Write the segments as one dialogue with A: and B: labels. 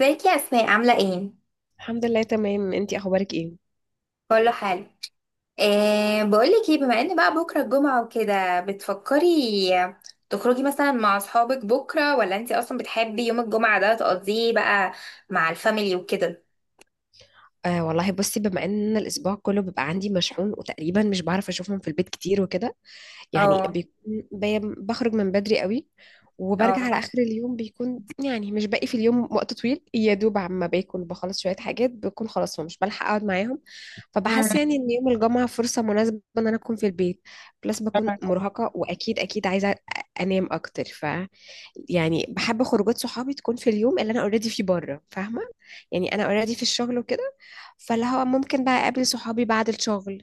A: ازيك يا اسماء، عامله ايه؟
B: الحمد لله، تمام. انتي اخبارك ايه؟
A: كله حلو. بقولك ايه، بما ان بقى بكره الجمعه وكده، بتفكري تخرجي مثلا مع اصحابك بكره، ولا انتي اصلا بتحبي يوم الجمعه ده تقضيه بقى مع الفاميلي وكده؟
B: آه والله، بصي، بما ان الاسبوع كله بيبقى عندي مشحون، وتقريبا مش بعرف اشوفهم في البيت كتير وكده. يعني
A: اه.
B: بيكون بخرج من بدري قوي، وبرجع على
A: اه.
B: آخر اليوم، بيكون يعني مش باقي في اليوم وقت طويل، يا دوب عما باكل بخلص شوية حاجات بكون خلاص، ومش بلحق أقعد معاهم. فبحس يعني إن يوم الجمعة فرصة مناسبة إن أنا أكون في البيت. بلس بكون مرهقة، وأكيد أكيد عايزة أنام أكتر. يعني بحب خروجات صحابي تكون في اليوم اللي أنا أوريدي فيه بره، فاهمة؟ يعني أنا أوريدي في الشغل وكده، فاللي هو ممكن بقى اقابل صحابي بعد الشغل.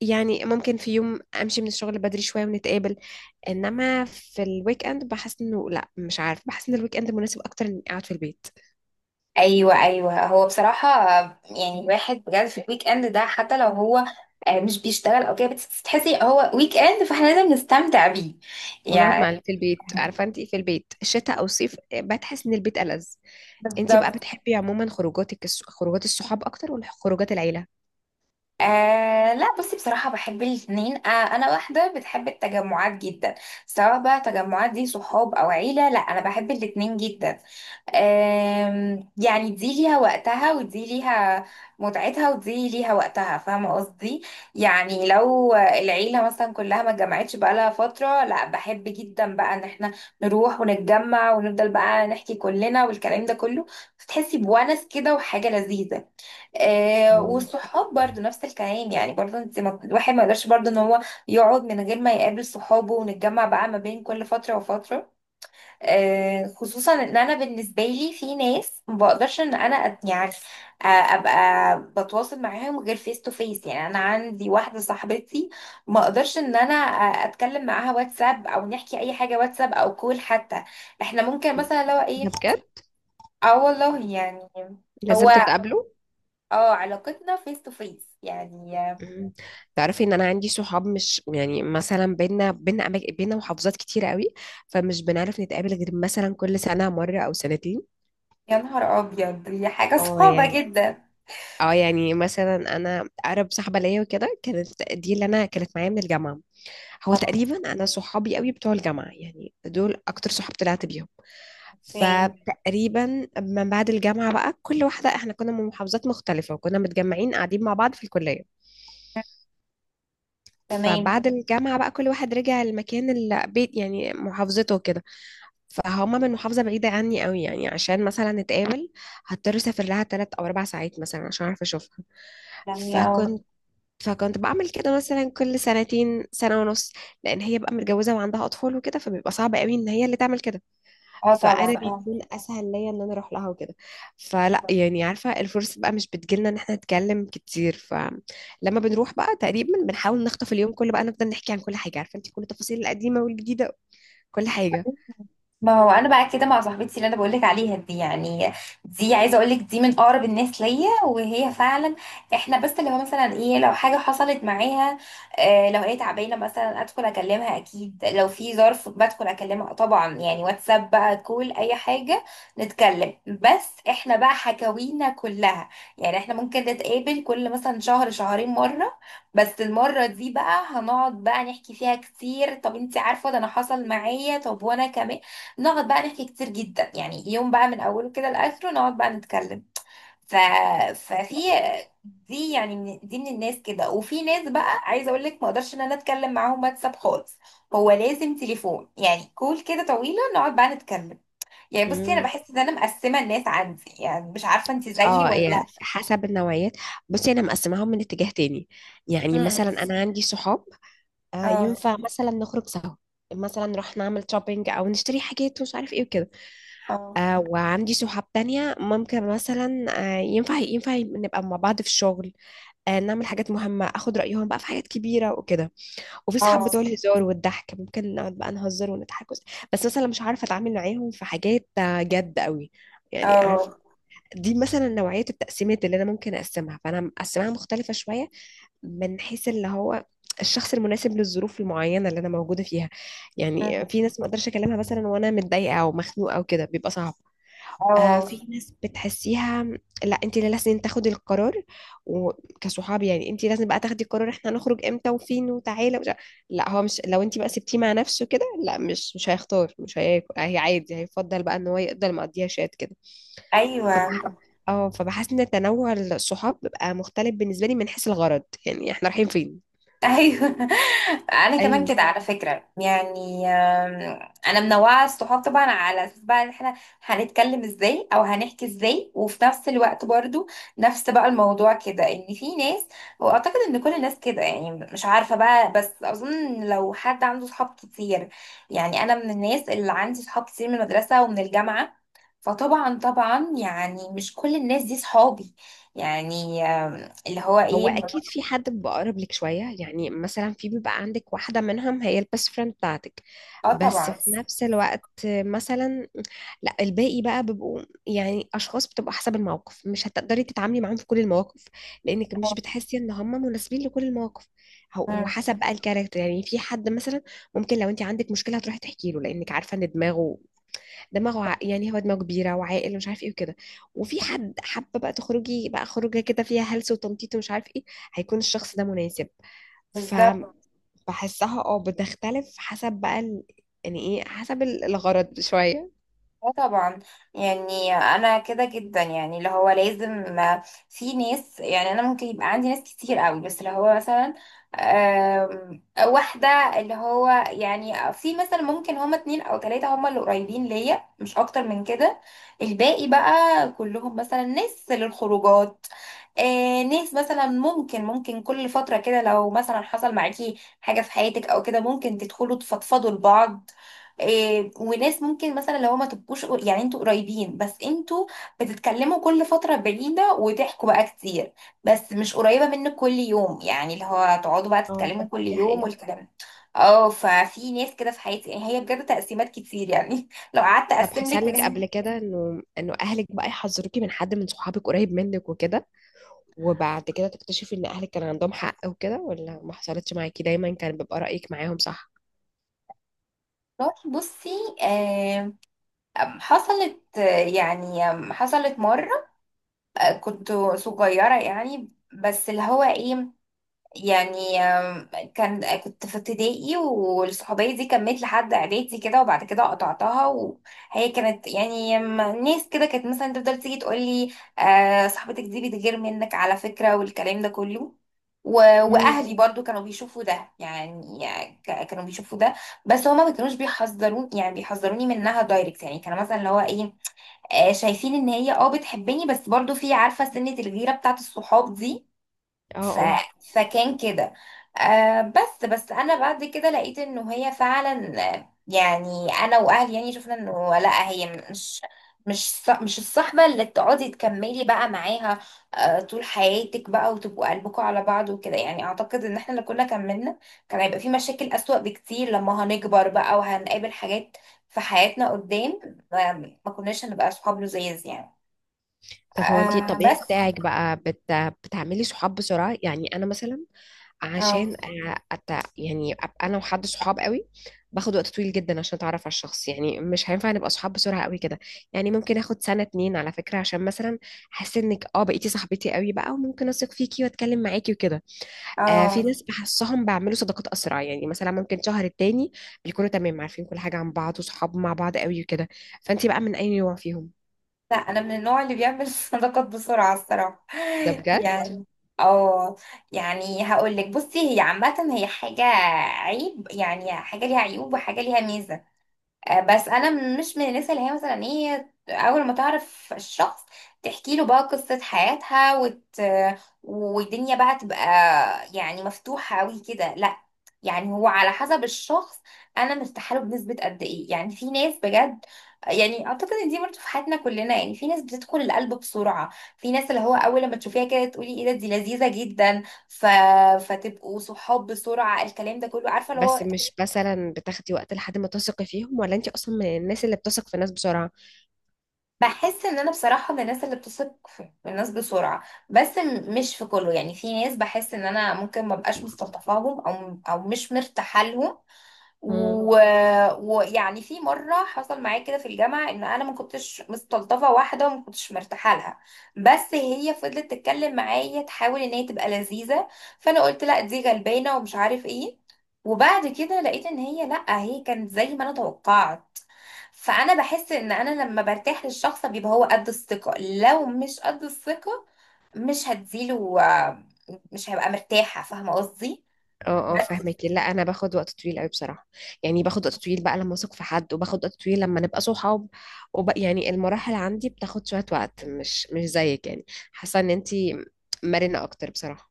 B: يعني ممكن في يوم امشي من الشغل بدري شويه ونتقابل. انما في الويك اند بحس انه لا، مش عارف، بحس ان الويك اند مناسب اكتر اني اقعد في البيت
A: ايوه، ايوه، هو بصراحه يعني الواحد بجد في الويك اند ده، حتى لو هو مش بيشتغل او كده، بس تحسي هو ويك اند فاحنا لازم نستمتع بيه
B: ونقعد
A: يعني.
B: مع في البيت. عارفه انت في البيت شتاء او صيف بتحس ان البيت ألذ. انت بقى
A: بالظبط.
B: بتحبي عموما خروجاتك خروجات الصحاب اكتر، ولا خروجات العيله؟
A: آه لا بصي، بصراحة بحب الاتنين. أنا واحدة بتحب التجمعات جدا، سواء بقى تجمعات دي صحاب أو عيلة، لا أنا بحب الاتنين جدا. يعني دي ليها وقتها ودي ليها متعتها ودي ليها وقتها، فاهمة قصدي؟ يعني لو العيلة مثلا كلها ما اتجمعتش بقالها فترة، لا بحب جدا بقى ان احنا نروح ونتجمع ونفضل بقى نحكي كلنا والكلام ده كله، فتحسي بونس كده وحاجة لذيذة. آه،
B: آه.
A: والصحاب برضو نفس الكلام، يعني برضو انت، ما الواحد ما يقدرش برضو ان هو يقعد من غير ما يقابل صحابه، ونتجمع بقى ما بين كل فترة وفترة. آه، خصوصا ان انا بالنسبة لي في ناس ما بقدرش ان انا يعني ابقى بتواصل معاهم غير فيس تو فيس، يعني انا عندي واحدة صاحبتي ما اقدرش ان انا اتكلم معاها واتساب، او نحكي اي حاجة واتساب او كول حتى، احنا ممكن مثلا لو
B: ده
A: ايه.
B: بجد؟
A: اه، والله يعني.
B: لازم
A: هو.
B: تتقابلوا.
A: اه، علاقتنا فيس تو فيس يعني.
B: مم. تعرفي ان انا عندي صحاب مش يعني مثلا بينا محافظات كتيره قوي، فمش بنعرف نتقابل غير مثلا كل سنه مره او سنتين.
A: يا نهار ابيض، دي حاجه
B: اه
A: صعبه
B: يعني.
A: جدا.
B: اه يعني مثلا انا اقرب صاحبه ليا وكده، كانت دي اللي انا كانت معايا من الجامعه. هو
A: اه.
B: تقريبا انا صحابي قوي بتوع الجامعه، يعني دول اكتر صحاب طلعت بيهم.
A: اوكي،
B: فتقريبا من بعد الجامعه بقى، كل واحده احنا كنا من محافظات مختلفه، وكنا متجمعين قاعدين مع بعض في الكليه.
A: تمام
B: فبعد الجامعه بقى كل واحد رجع المكان البيت، يعني محافظته كده. فهما من محافظة بعيدة عني قوي، يعني عشان مثلا نتقابل هضطر اسافر لها 3 او 4 ساعات مثلا عشان اعرف اشوفها.
A: يعني. اه.
B: فكنت فكنت بعمل كده مثلا كل سنتين سنة ونص، لأن هي بقى متجوزة وعندها أطفال وكده، فبيبقى صعب قوي إن هي اللي تعمل كده.
A: اه،
B: فأنا
A: طبعا.
B: بيكون أسهل ليا إن أنا أروح لها وكده. فلا
A: اه،
B: يعني، عارفة، الفرصة بقى مش بتجيلنا إن احنا نتكلم كتير، فلما بنروح بقى تقريبا بنحاول نخطف اليوم كله، بقى نفضل نحكي عن كل حاجة، عارفة أنت، كل التفاصيل القديمة والجديدة، كل حاجة.
A: ما هو انا بقى كده مع صاحبتي اللي انا بقولك عليها دي يعني، دي عايزه اقولك، دي من اقرب الناس ليا وهي فعلا، احنا بس اللي هو مثلا ايه لو حاجه حصلت معاها، آه لو هي تعبانه مثلا ادخل اكلمها، اكيد لو في ظرف بدخل اكلمها طبعا يعني، واتساب بقى كول اي حاجه نتكلم، بس احنا بقى حكاوينا كلها، يعني احنا ممكن نتقابل كل مثلا شهر شهرين مره، بس المرة دي بقى هنقعد بقى نحكي فيها كتير، طب انتي عارفة ده انا حصل معايا، طب وانا كمان نقعد بقى نحكي كتير جدا، يعني يوم بقى من اوله كده لاخره نقعد بقى نتكلم. ف... ففي دي من الناس كده، وفي ناس بقى عايزه اقول لك ما اقدرش ان انا اتكلم معاهم واتساب خالص، هو لازم تليفون يعني، كول كده طويله نقعد بقى نتكلم. يعني بصي، انا بحس ان انا مقسمه الناس عندي، يعني مش عارفه انت زيي
B: اه
A: ولا لا.
B: هي حسب النوعيات. بصي انا مقسماهم من اتجاه تاني. يعني
A: امم.
B: مثلا انا عندي صحاب
A: اه.
B: ينفع مثلا نخرج سوا، مثلا نروح نعمل شوبينج او نشتري حاجات ومش عارف ايه وكده.
A: اه.
B: وعندي صحاب تانية ممكن مثلا ينفع نبقى مع بعض في الشغل، نعمل حاجات مهمة، اخد رأيهم بقى في حاجات كبيرة وكده. وفي صحاب بتوع
A: اه.
B: الهزار والضحك، ممكن نقعد بقى نهزر ونضحك بس مثلا مش عارفة اتعامل معاهم في حاجات جد قوي. يعني
A: اه.
B: دي مثلا نوعية التقسيمات اللي أنا ممكن أقسمها، فأنا مقسمها مختلفة شوية، من حيث اللي هو الشخص المناسب للظروف المعينة اللي أنا موجودة فيها. يعني
A: أمم.
B: في ناس ما أقدرش أكلمها مثلا وأنا متضايقة أو مخنوقة أو كده، بيبقى صعب.
A: اه.
B: في ناس بتحسيها لا، أنت اللي لازم تاخدي القرار. وكصحاب يعني أنت لازم بقى تاخدي القرار، إحنا هنخرج إمتى وفين وتعالى، ومش لا، هو مش، لو أنت بقى سبتيه مع نفسه كده لا، مش هيختار، مش هياكل، هي عادي، هيفضل بقى إن هو يقدر مقضيها شات كده.
A: ايوه،
B: فبح... اه، فبحس ان تنوع الصحاب بيبقى مختلف بالنسبه لي من حيث الغرض، يعني احنا رايحين فين.
A: ايوه انا كمان
B: ايوه.
A: كده على فكره يعني انا منوعه الصحاب طبعا، على اساس بقى ان احنا هنتكلم ازاي او هنحكي ازاي، وفي نفس الوقت برضو نفس بقى الموضوع كده ان في ناس، واعتقد ان كل الناس كده يعني، مش عارفه بقى، بس اظن إن لو حد عنده صحاب كتير، يعني انا من الناس اللي عندي صحاب كتير من المدرسه ومن الجامعه، فطبعا طبعا يعني مش كل الناس دي صحابي، يعني اللي هو
B: هو
A: ايه.
B: اكيد في حد بيبقى اقرب لك شويه، يعني مثلا في، بيبقى عندك واحده منهم هي البيست فريند بتاعتك،
A: اه،
B: بس
A: طبعا.
B: في نفس الوقت مثلا لا، الباقي بقى بيبقوا يعني اشخاص بتبقى حسب الموقف، مش هتقدري تتعاملي معاهم في كل المواقف، لانك مش بتحسي ان هم مناسبين لكل المواقف. هو حسب بقى الكاركتر. يعني في حد مثلا ممكن لو انت عندك مشكله هتروحي تحكي له، لانك عارفه ان دماغه، يعني هو دماغه كبيره وعاقل ومش عارف ايه وكده. وفي حد حابه بقى تخرجي بقى خروجه كده فيها هلس وتنطيط ومش عارف ايه، هيكون الشخص ده مناسب. ف
A: بالظبط.
B: بحسها بتختلف حسب بقى يعني ايه، حسب الغرض شويه.
A: اه، طبعا، يعني انا كده جدا، يعني اللي هو لازم في ناس، يعني انا ممكن يبقى عندي ناس كتير قوي، بس اللي هو مثلا واحدة، اللي هو يعني في مثلا ممكن هما اتنين او تلاتة هما اللي قريبين ليا مش اكتر من كده، الباقي بقى كلهم مثلا ناس للخروجات، ناس مثلا ممكن ممكن كل فترة كده لو مثلا حصل معاكي حاجة في حياتك او كده ممكن تدخلوا تفضفضوا لبعض، إيه وناس ممكن مثلا لو ما تبقوش يعني انتوا قريبين، بس انتوا بتتكلموا كل فترة بعيدة وتحكوا بقى كتير، بس مش قريبة منك كل يوم، يعني اللي هو تقعدوا بقى
B: اه
A: تتكلموا كل
B: دي
A: يوم
B: حقيقة.
A: والكلام ده. اه، ففي ناس كده في حياتي يعني، هي بجد تقسيمات كتير يعني لو قعدت
B: طب
A: اقسم لك
B: حصل
A: من
B: لك
A: هنا
B: قبل كده انه اهلك بقى يحذروكي من حد من صحابك قريب منك وكده، وبعد كده تكتشفي ان اهلك كان عندهم حق وكده، ولا ما حصلتش معاكي، دايما كان بيبقى رأيك معاهم صح؟
A: للصبح. بصي، آه، حصلت، يعني حصلت مرة، كنت صغيرة يعني، بس اللي هو ايه، يعني كان كنت في ابتدائي، والصحوبية دي كملت لحد اعدادي كده، وبعد كده قطعتها، وهي كانت يعني ناس كده كانت مثلا تفضل تيجي تقول لي آه صاحبتك دي بتغير منك على فكرة والكلام ده كله. و...
B: امم.
A: واهلي برضو كانوا بيشوفوا ده يعني، كانوا بيشوفوا ده، بس هما ما كانوش بيحذرون يعني بيحذروني منها دايركت، يعني كانوا مثلا اللي هو ايه شايفين ان هي بتحبني، بس برضو في، عارفة سنة الغيرة بتاعت الصحاب دي. ف...
B: اه.
A: فكان كده. بس انا بعد كده لقيت انه هي فعلا، يعني انا واهلي يعني شفنا انه لا هي مش مش مش الصحبة اللي تقعدي تكملي بقى معاها طول حياتك بقى وتبقوا قلبكم على بعض وكده، يعني اعتقد ان احنا لو كنا كملنا كان هيبقى في مشاكل اسوأ بكتير لما هنكبر بقى وهنقابل حاجات في حياتنا قدام، ما كناش هنبقى صحاب لزيز يعني.
B: طب هو انتي
A: آه،
B: الطبيعي
A: بس.
B: بتاعك بقى بتعملي صحاب بسرعة؟ يعني انا مثلا،
A: اه.
B: عشان أ- أت... يعني ابقى انا وحد صحاب قوي، باخد وقت طويل جدا عشان اتعرف على الشخص، يعني مش هينفع نبقى صحاب بسرعة قوي كده. يعني ممكن اخد سنة اتنين على فكرة عشان مثلا احس انك بقيتي صاحبتي قوي بقى، وممكن اثق فيكي واتكلم معاكي وكده. في
A: اه،
B: ناس بحسهم بعملوا صداقات اسرع، يعني مثلا ممكن شهر التاني بيكونوا تمام، عارفين كل حاجة عن بعض وصحاب مع بعض قوي وكده. فانتي بقى من اي نوع فيهم؟
A: لا انا من النوع اللي بيعمل صداقات بسرعه الصراحه
B: ده بجد؟
A: يعني. اه، يعني هقول لك، بصي هي عامه، هي حاجه عيب يعني، حاجه ليها عيوب وحاجه ليها ميزه، بس انا مش من الناس اللي هي مثلا ايه اول ما تعرف الشخص تحكي له بقى قصة حياتها والدنيا بقى تبقى يعني مفتوحة قوي كده، لا يعني هو على حسب الشخص، انا مرتاحه له بنسبة قد ايه، يعني في ناس بجد، يعني اعتقد ان دي برضه في حياتنا كلنا، يعني في ناس بتدخل القلب بسرعة، في ناس اللي هو اول لما تشوفيها كده تقولي ايه ده، دي لذيذة جدا، فتبقوا صحاب بسرعة، الكلام ده كله، عارفة اللي
B: بس
A: هو
B: مش مثلا بتاخدي وقت لحد ما تثقي فيهم، ولا انت اصلا من الناس اللي بتثق في الناس بسرعه؟
A: بحس ان انا بصراحة من الناس اللي بتثق في الناس بسرعة، بس مش في كله، يعني في ناس بحس ان انا ممكن ما بقاش مستلطفاهم او مش مرتاحة لهم.
B: مم.
A: و- ويعني في مرة حصل معايا كده في الجامعة ان انا ما كنتش مستلطفة واحدة وما كنتش مرتاحة لها، بس هي فضلت تتكلم معايا، تحاول ان هي تبقى لذيذة، فانا قلت لا دي غلبانة ومش عارف ايه، وبعد كده لقيت ان هي لا، هي كانت زي ما انا توقعت، فانا بحس ان انا لما برتاح للشخص بيبقى هو قد الثقة، لو مش قد الثقة مش هديله، مش هبقى مرتاحة، فاهمة قصدي؟
B: اه اه،
A: بس.
B: فاهمك. لا، انا باخد وقت طويل قوي بصراحه. يعني باخد وقت طويل بقى لما اثق في حد، وباخد وقت طويل لما نبقى صحاب، وبقى يعني المراحل عندي بتاخد شويه وقت، مش مش زيك يعني. حاسه ان انت مرنه اكتر بصراحه.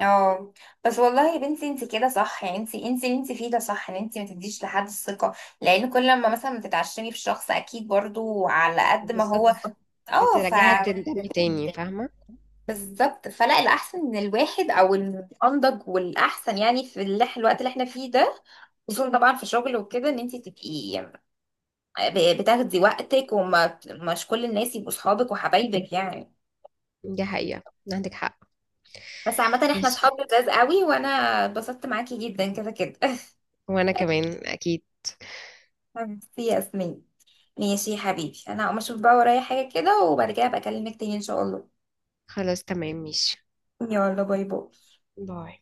A: اه، بس والله يا بنتي انت كده صح، يعني انت اللي انت فيه ده صح، ان انت ما تديش لحد الثقة، لان كل لما مثلا بتتعشمي في شخص اكيد برضو على قد ما هو.
B: بالظبط.
A: اه،
B: بتراجعي تندمي تاني، فاهمه؟
A: بالظبط، فلا الاحسن ان الواحد، او الانضج والاحسن يعني في الوقت اللي احنا فيه ده، خصوصا طبعا في شغل وكده، ان انت تبقي بتاخدي وقتك، ومش كل الناس يبقوا صحابك وحبايبك يعني.
B: دي حقيقه. عندك حق.
A: بس عامة احنا
B: ماشي.
A: صحاب لذاذ قوي، وانا اتبسطت معاكي جدا كده كده
B: وانا كمان اكيد.
A: ميرسي يا ياسمين. ماشي يا حبيبي، انا هقوم اشوف بقى ورايا حاجة كده، وبعد كده ابقى اكلمك تاني ان شاء الله.
B: خلاص تمام، ماشي.
A: يلا، باي باي.
B: باي.